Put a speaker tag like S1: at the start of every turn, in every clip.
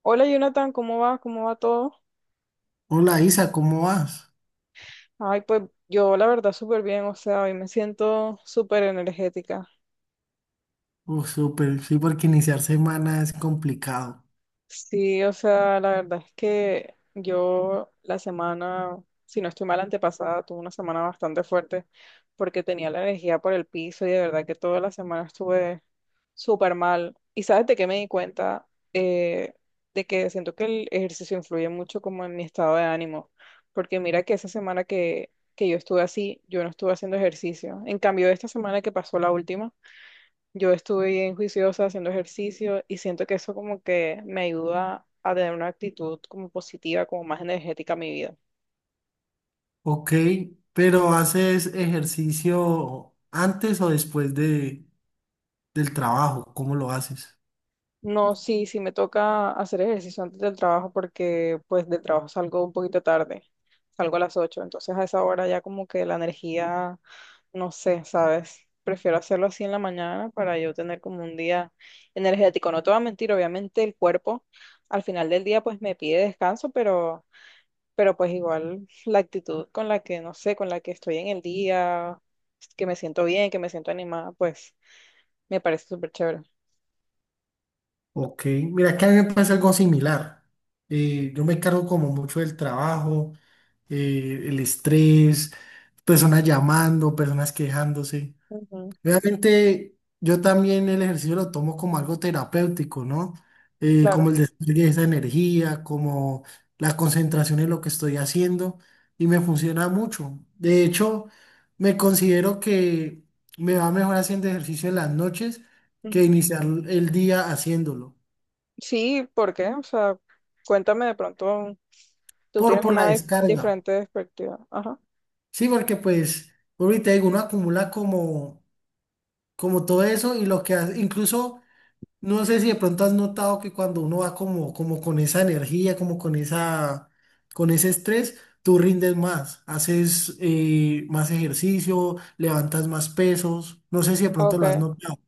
S1: Hola Jonathan, ¿cómo va? ¿Cómo va todo?
S2: Hola Isa, ¿cómo vas?
S1: Ay, pues yo la verdad súper bien, o sea, hoy me siento súper energética.
S2: Oh, súper, sí, porque iniciar semana es complicado.
S1: Sí, o sea, la verdad es que yo la semana, si no estoy mal, antepasada, tuve una semana bastante fuerte porque tenía la energía por el piso y de verdad que toda la semana estuve súper mal. ¿Y sabes de qué me di cuenta? Eh, de que siento que el ejercicio influye mucho como en mi estado de ánimo, porque mira que esa semana que yo estuve así, yo no estuve haciendo ejercicio. En cambio, esta semana que pasó la última, yo estuve bien juiciosa haciendo ejercicio y siento que eso como que me ayuda a tener una actitud como positiva, como más energética a mi vida.
S2: Ok, pero ¿haces ejercicio antes o después del trabajo? ¿Cómo lo haces?
S1: No, sí, sí me toca hacer ejercicio antes del trabajo porque pues del trabajo salgo un poquito tarde, salgo a las 8 entonces a esa hora ya como que la energía, no sé, ¿sabes? Prefiero hacerlo así en la mañana para yo tener como un día energético. No te voy a mentir, obviamente el cuerpo al final del día pues me pide descanso, pero pues igual la actitud con la que, no sé, con la que estoy en el día, que me siento bien, que me siento animada, pues me parece súper chévere.
S2: Ok, mira que a mí me pasa algo similar. Yo me cargo como mucho del trabajo, el estrés, personas llamando, personas quejándose.
S1: Ujú,
S2: Realmente yo también el ejercicio lo tomo como algo terapéutico, ¿no? Como
S1: claro.
S2: el despliegue de esa energía, como la concentración en lo que estoy haciendo, y me funciona mucho. De hecho, me considero que me va mejor haciendo ejercicio en las noches
S1: Ujú.
S2: que iniciar el día haciéndolo,
S1: Sí, ¿por qué? O sea, cuéntame de pronto, tú
S2: por,
S1: tienes
S2: por la
S1: una
S2: descarga.
S1: diferente perspectiva. Ajá.
S2: Sí, porque pues, ahorita digo, uno acumula como, como todo eso y lo que hace, incluso... No sé si de pronto has notado que cuando uno va como, como con esa energía, como con esa, con ese estrés, tú rindes más, haces más ejercicio, levantas más pesos. No sé si de pronto lo has
S1: Ok.
S2: notado.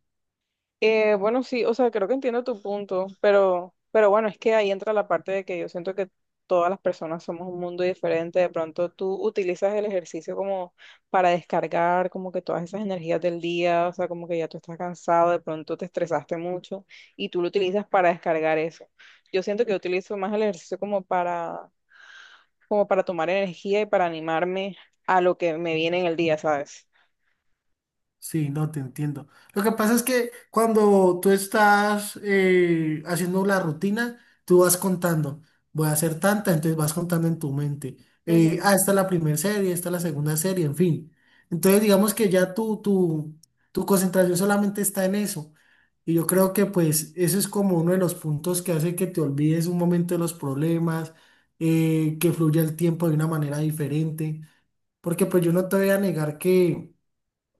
S1: Bueno, sí, o sea, creo que entiendo tu punto, pero bueno, es que ahí entra la parte de que yo siento que todas las personas somos un mundo diferente. De pronto tú utilizas el ejercicio como para descargar como que todas esas energías del día, o sea, como que ya tú estás cansado, de pronto te estresaste mucho y tú lo utilizas para descargar eso. Yo siento que yo utilizo más el ejercicio como para, como para tomar energía y para animarme a lo que me viene en el día, ¿sabes?
S2: Sí, no te entiendo. Lo que pasa es que cuando tú estás haciendo la rutina, tú vas contando. Voy a hacer tanta, entonces vas contando en tu mente.
S1: Ujú.
S2: Esta es la primera serie, esta es la segunda serie, en fin. Entonces, digamos que ya tu concentración solamente está en eso. Y yo creo que pues eso es como uno de los puntos que hace que te olvides un momento de los problemas, que fluya el tiempo de una manera diferente. Porque pues yo no te voy a negar que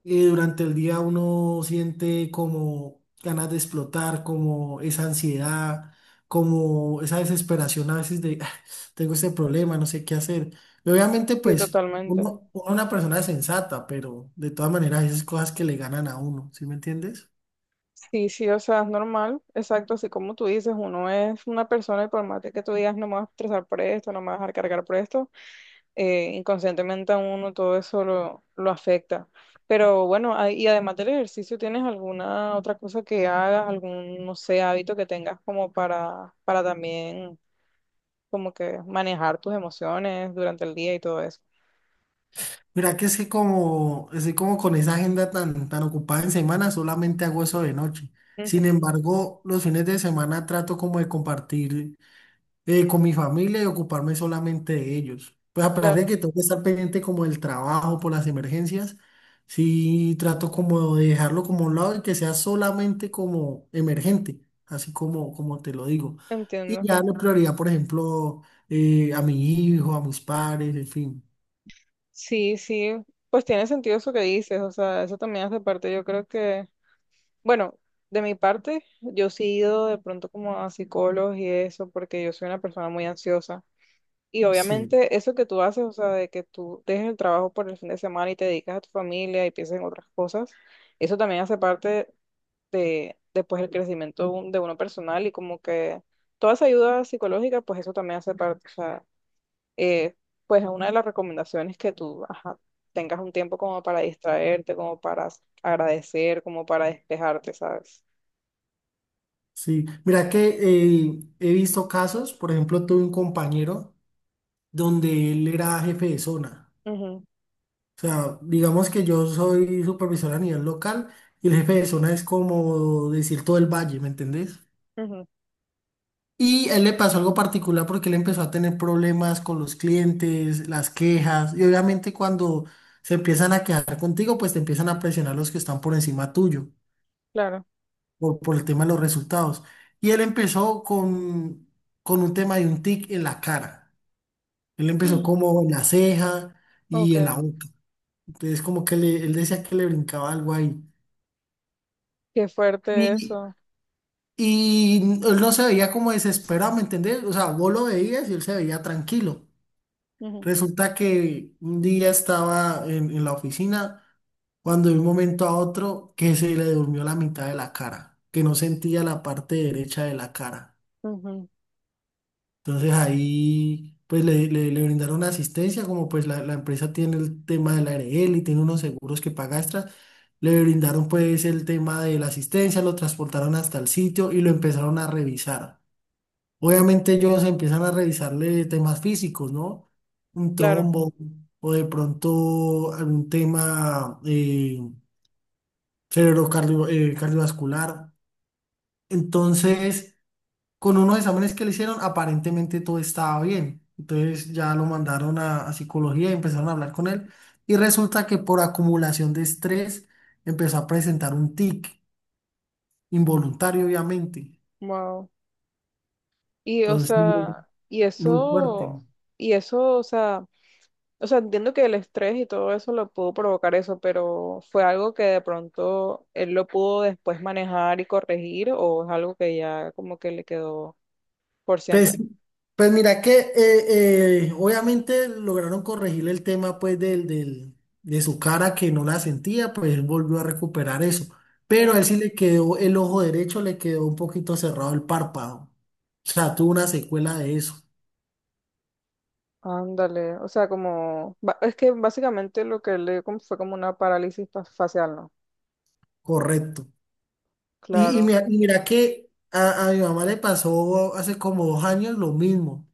S2: durante el día uno siente como ganas de explotar, como esa ansiedad, como esa desesperación a veces de, "Ah, tengo este problema, no sé qué hacer". Y obviamente,
S1: Sí,
S2: pues,
S1: totalmente.
S2: uno una persona sensata, pero de todas maneras, esas cosas que le ganan a uno, ¿sí me entiendes?
S1: Sí, sí, o sea, es normal, exacto, así como tú dices, uno es una persona y por más de que tú digas, no me vas a estresar por esto, no me vas a dejar cargar por esto, inconscientemente a uno todo eso lo afecta. Pero bueno, ah, y además del ejercicio, ¿tienes alguna otra cosa que hagas, algún, no sé, hábito que tengas como para también como que manejar tus emociones durante el día y todo eso?
S2: Mira que es que como, estoy como con esa agenda tan ocupada en semana, solamente hago eso de noche. Sin
S1: Ujú,
S2: embargo, los fines de semana trato como de compartir con mi familia y ocuparme solamente de ellos. Pues a pesar de
S1: claro,
S2: que tengo que estar pendiente como del trabajo por las emergencias, sí trato como de dejarlo como a un lado y que sea solamente como emergente, así como, como te lo digo. Y
S1: entiendo.
S2: ya la prioridad, por ejemplo, a mi hijo, a mis padres, en fin.
S1: Sí, sí, pues tiene sentido eso que dices, o sea, eso también hace parte, yo creo que. Bueno, de mi parte, yo sí he ido de pronto como a psicólogos y eso, porque yo soy una persona muy ansiosa. Y
S2: Sí,
S1: obviamente eso que tú haces, o sea, de que tú dejes el trabajo por el fin de semana y te dedicas a tu familia y piensas en otras cosas, eso también hace parte de después el crecimiento de uno personal y como que toda esa ayuda psicológica, pues eso también hace parte, o sea, eh, pues una de las recomendaciones que tú, ajá, tengas un tiempo como para distraerte, como para agradecer, como para despejarte, ¿sabes?
S2: sí. Mira que he visto casos, por ejemplo, tuve un compañero donde él era jefe de zona.
S1: Ujú,
S2: O sea, digamos que yo soy supervisor a nivel local y el jefe de zona es como decir todo el valle, ¿me entendés?
S1: ujú,
S2: Y a él le pasó algo particular porque él empezó a tener problemas con los clientes, las quejas, y obviamente cuando se empiezan a quejar contigo, pues te empiezan a presionar los que están por encima tuyo,
S1: claro.
S2: por el tema de los resultados. Y él empezó con un tema de un tic en la cara. Él empezó como en la ceja
S1: Ok,
S2: y en la boca. Entonces como que él decía que le brincaba algo ahí.
S1: qué fuerte
S2: Y
S1: eso.
S2: Y él no se veía como desesperado, ¿me entendés? O sea, vos lo veías y él se veía tranquilo.
S1: Ujú,
S2: Resulta que un día estaba en la oficina cuando de un momento a otro que se le durmió la mitad de la cara, que no sentía la parte derecha de la cara.
S1: ujú,
S2: Entonces ahí pues le brindaron asistencia, como pues la empresa tiene el tema de la ARL y tiene unos seguros que paga extras. Le brindaron pues el tema de la asistencia, lo transportaron hasta el sitio y lo empezaron a revisar. Obviamente ellos empiezan a revisarle temas físicos, ¿no? Un
S1: claro,
S2: trombo o de pronto algún tema cardiovascular. Entonces, con unos exámenes que le hicieron, aparentemente todo estaba bien. Entonces ya lo mandaron a psicología y empezaron a hablar con él. Y resulta que por acumulación de estrés empezó a presentar un tic involuntario, obviamente.
S1: wow. Y o
S2: Entonces,
S1: sea,
S2: muy fuerte.
S1: y eso, o sea, entiendo que el estrés y todo eso lo pudo provocar eso, pero ¿fue algo que de pronto él lo pudo después manejar y corregir o es algo que ya como que le quedó por siempre?
S2: Pues, pues mira que obviamente lograron corregir el tema pues de su cara que no la sentía, pues él volvió a recuperar eso.
S1: Ujú.
S2: Pero a él sí le quedó el ojo derecho, le quedó un poquito cerrado el párpado. O sea, tuvo una secuela de eso.
S1: Ándale, o sea, como, es que básicamente lo que le dio como fue como una parálisis facial, ¿no?
S2: Correcto. Y, y
S1: Claro.
S2: mira, y mira que a mi mamá le pasó hace como dos años lo mismo.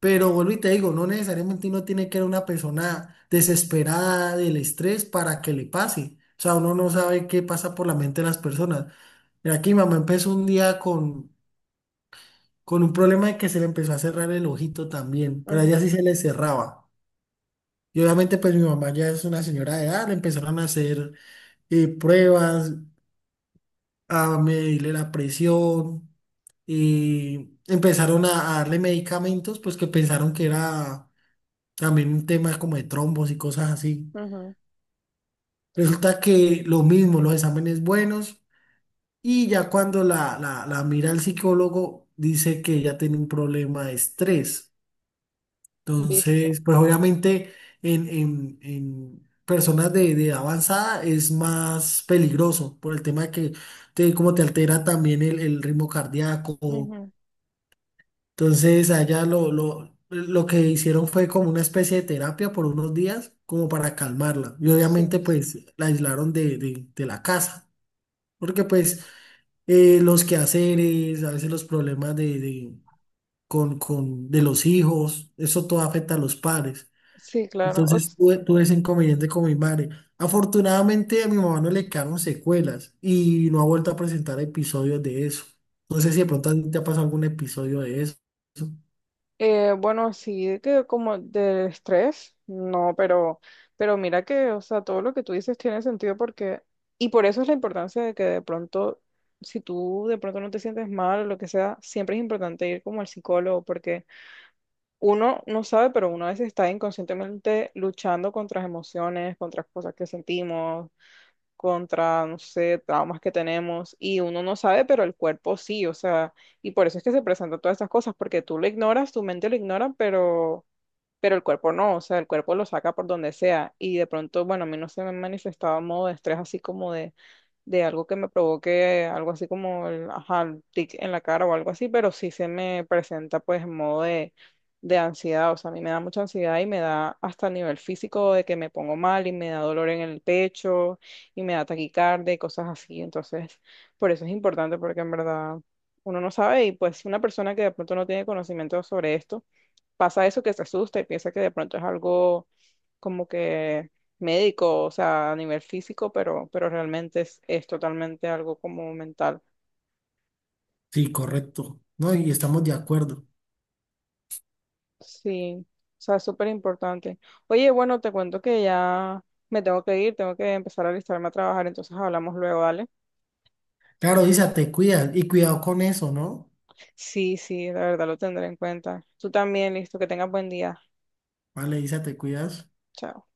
S2: Pero vuelvo y te digo, no necesariamente uno tiene que ser una persona desesperada del estrés para que le pase. O sea, uno no sabe qué pasa por la mente de las personas. Mira, aquí mamá empezó un día con un problema de que se le empezó a cerrar el ojito también, pero a ella sí se le cerraba. Y obviamente pues mi mamá ya es una señora de edad, le empezaron a hacer pruebas, a medirle la presión y empezaron a darle medicamentos pues que pensaron que era también un tema como de trombos y cosas así.
S1: Ujú,
S2: Resulta que lo mismo, los exámenes buenos, y ya cuando la mira el psicólogo dice que ella tiene un problema de estrés.
S1: visto.
S2: Entonces, pues obviamente en personas de avanzada es más peligroso por el tema de que te, como te altera también el ritmo cardíaco.
S1: Ujú,
S2: Entonces, allá lo que hicieron fue como una especie de terapia por unos días, como para calmarla. Y
S1: sí,
S2: obviamente, pues, la aislaron de la casa, porque pues los quehaceres, a veces los problemas de los hijos, eso todo afecta a los padres.
S1: sí, claro.
S2: Entonces, tuve ese inconveniente con mi madre. Afortunadamente, a mi mamá no le quedaron secuelas y no ha vuelto a presentar episodios de eso. No sé si de pronto a ti te ha pasado algún episodio de eso.
S1: Eh, bueno, sí, de que como del estrés, no, pero mira que, o sea, todo lo que tú dices tiene sentido porque, y por eso es la importancia de que de pronto, si tú de pronto no te sientes mal o lo que sea, siempre es importante ir como al psicólogo porque uno no sabe, pero uno a veces está inconscientemente luchando contra las emociones, contra las cosas que sentimos, contra, no sé, traumas que tenemos y uno no sabe, pero el cuerpo sí, o sea, y por eso es que se presentan todas estas cosas, porque tú lo ignoras, tu mente lo ignora, pero el cuerpo no, o sea, el cuerpo lo saca por donde sea. Y de pronto, bueno, a mí no se me manifestaba modo de estrés así como de algo que me provoque algo así como el, ajá, el tic en la cara o algo así, pero sí se me presenta pues en modo de ansiedad, o sea, a mí me da mucha ansiedad y me da hasta a nivel físico de que me pongo mal y me da dolor en el pecho y me da taquicardia y cosas así. Entonces, por eso es importante porque en verdad... Uno no sabe y pues una persona que de pronto no tiene conocimiento sobre esto, pasa eso que se asusta y piensa que de pronto es algo como que médico, o sea, a nivel físico, pero realmente es totalmente algo como mental.
S2: Sí, correcto. No, y estamos de acuerdo.
S1: Sí, o sea, es súper importante. Oye, bueno, te cuento que ya me tengo que ir, tengo que empezar a alistarme a trabajar, entonces hablamos luego, ¿vale?
S2: Claro, Isa, te cuidas y cuidado con eso, ¿no?
S1: Sí, sí, la verdad lo tendré en cuenta. Tú también, listo, que tengas buen día.
S2: Vale, Isa, te cuidas.
S1: Chao.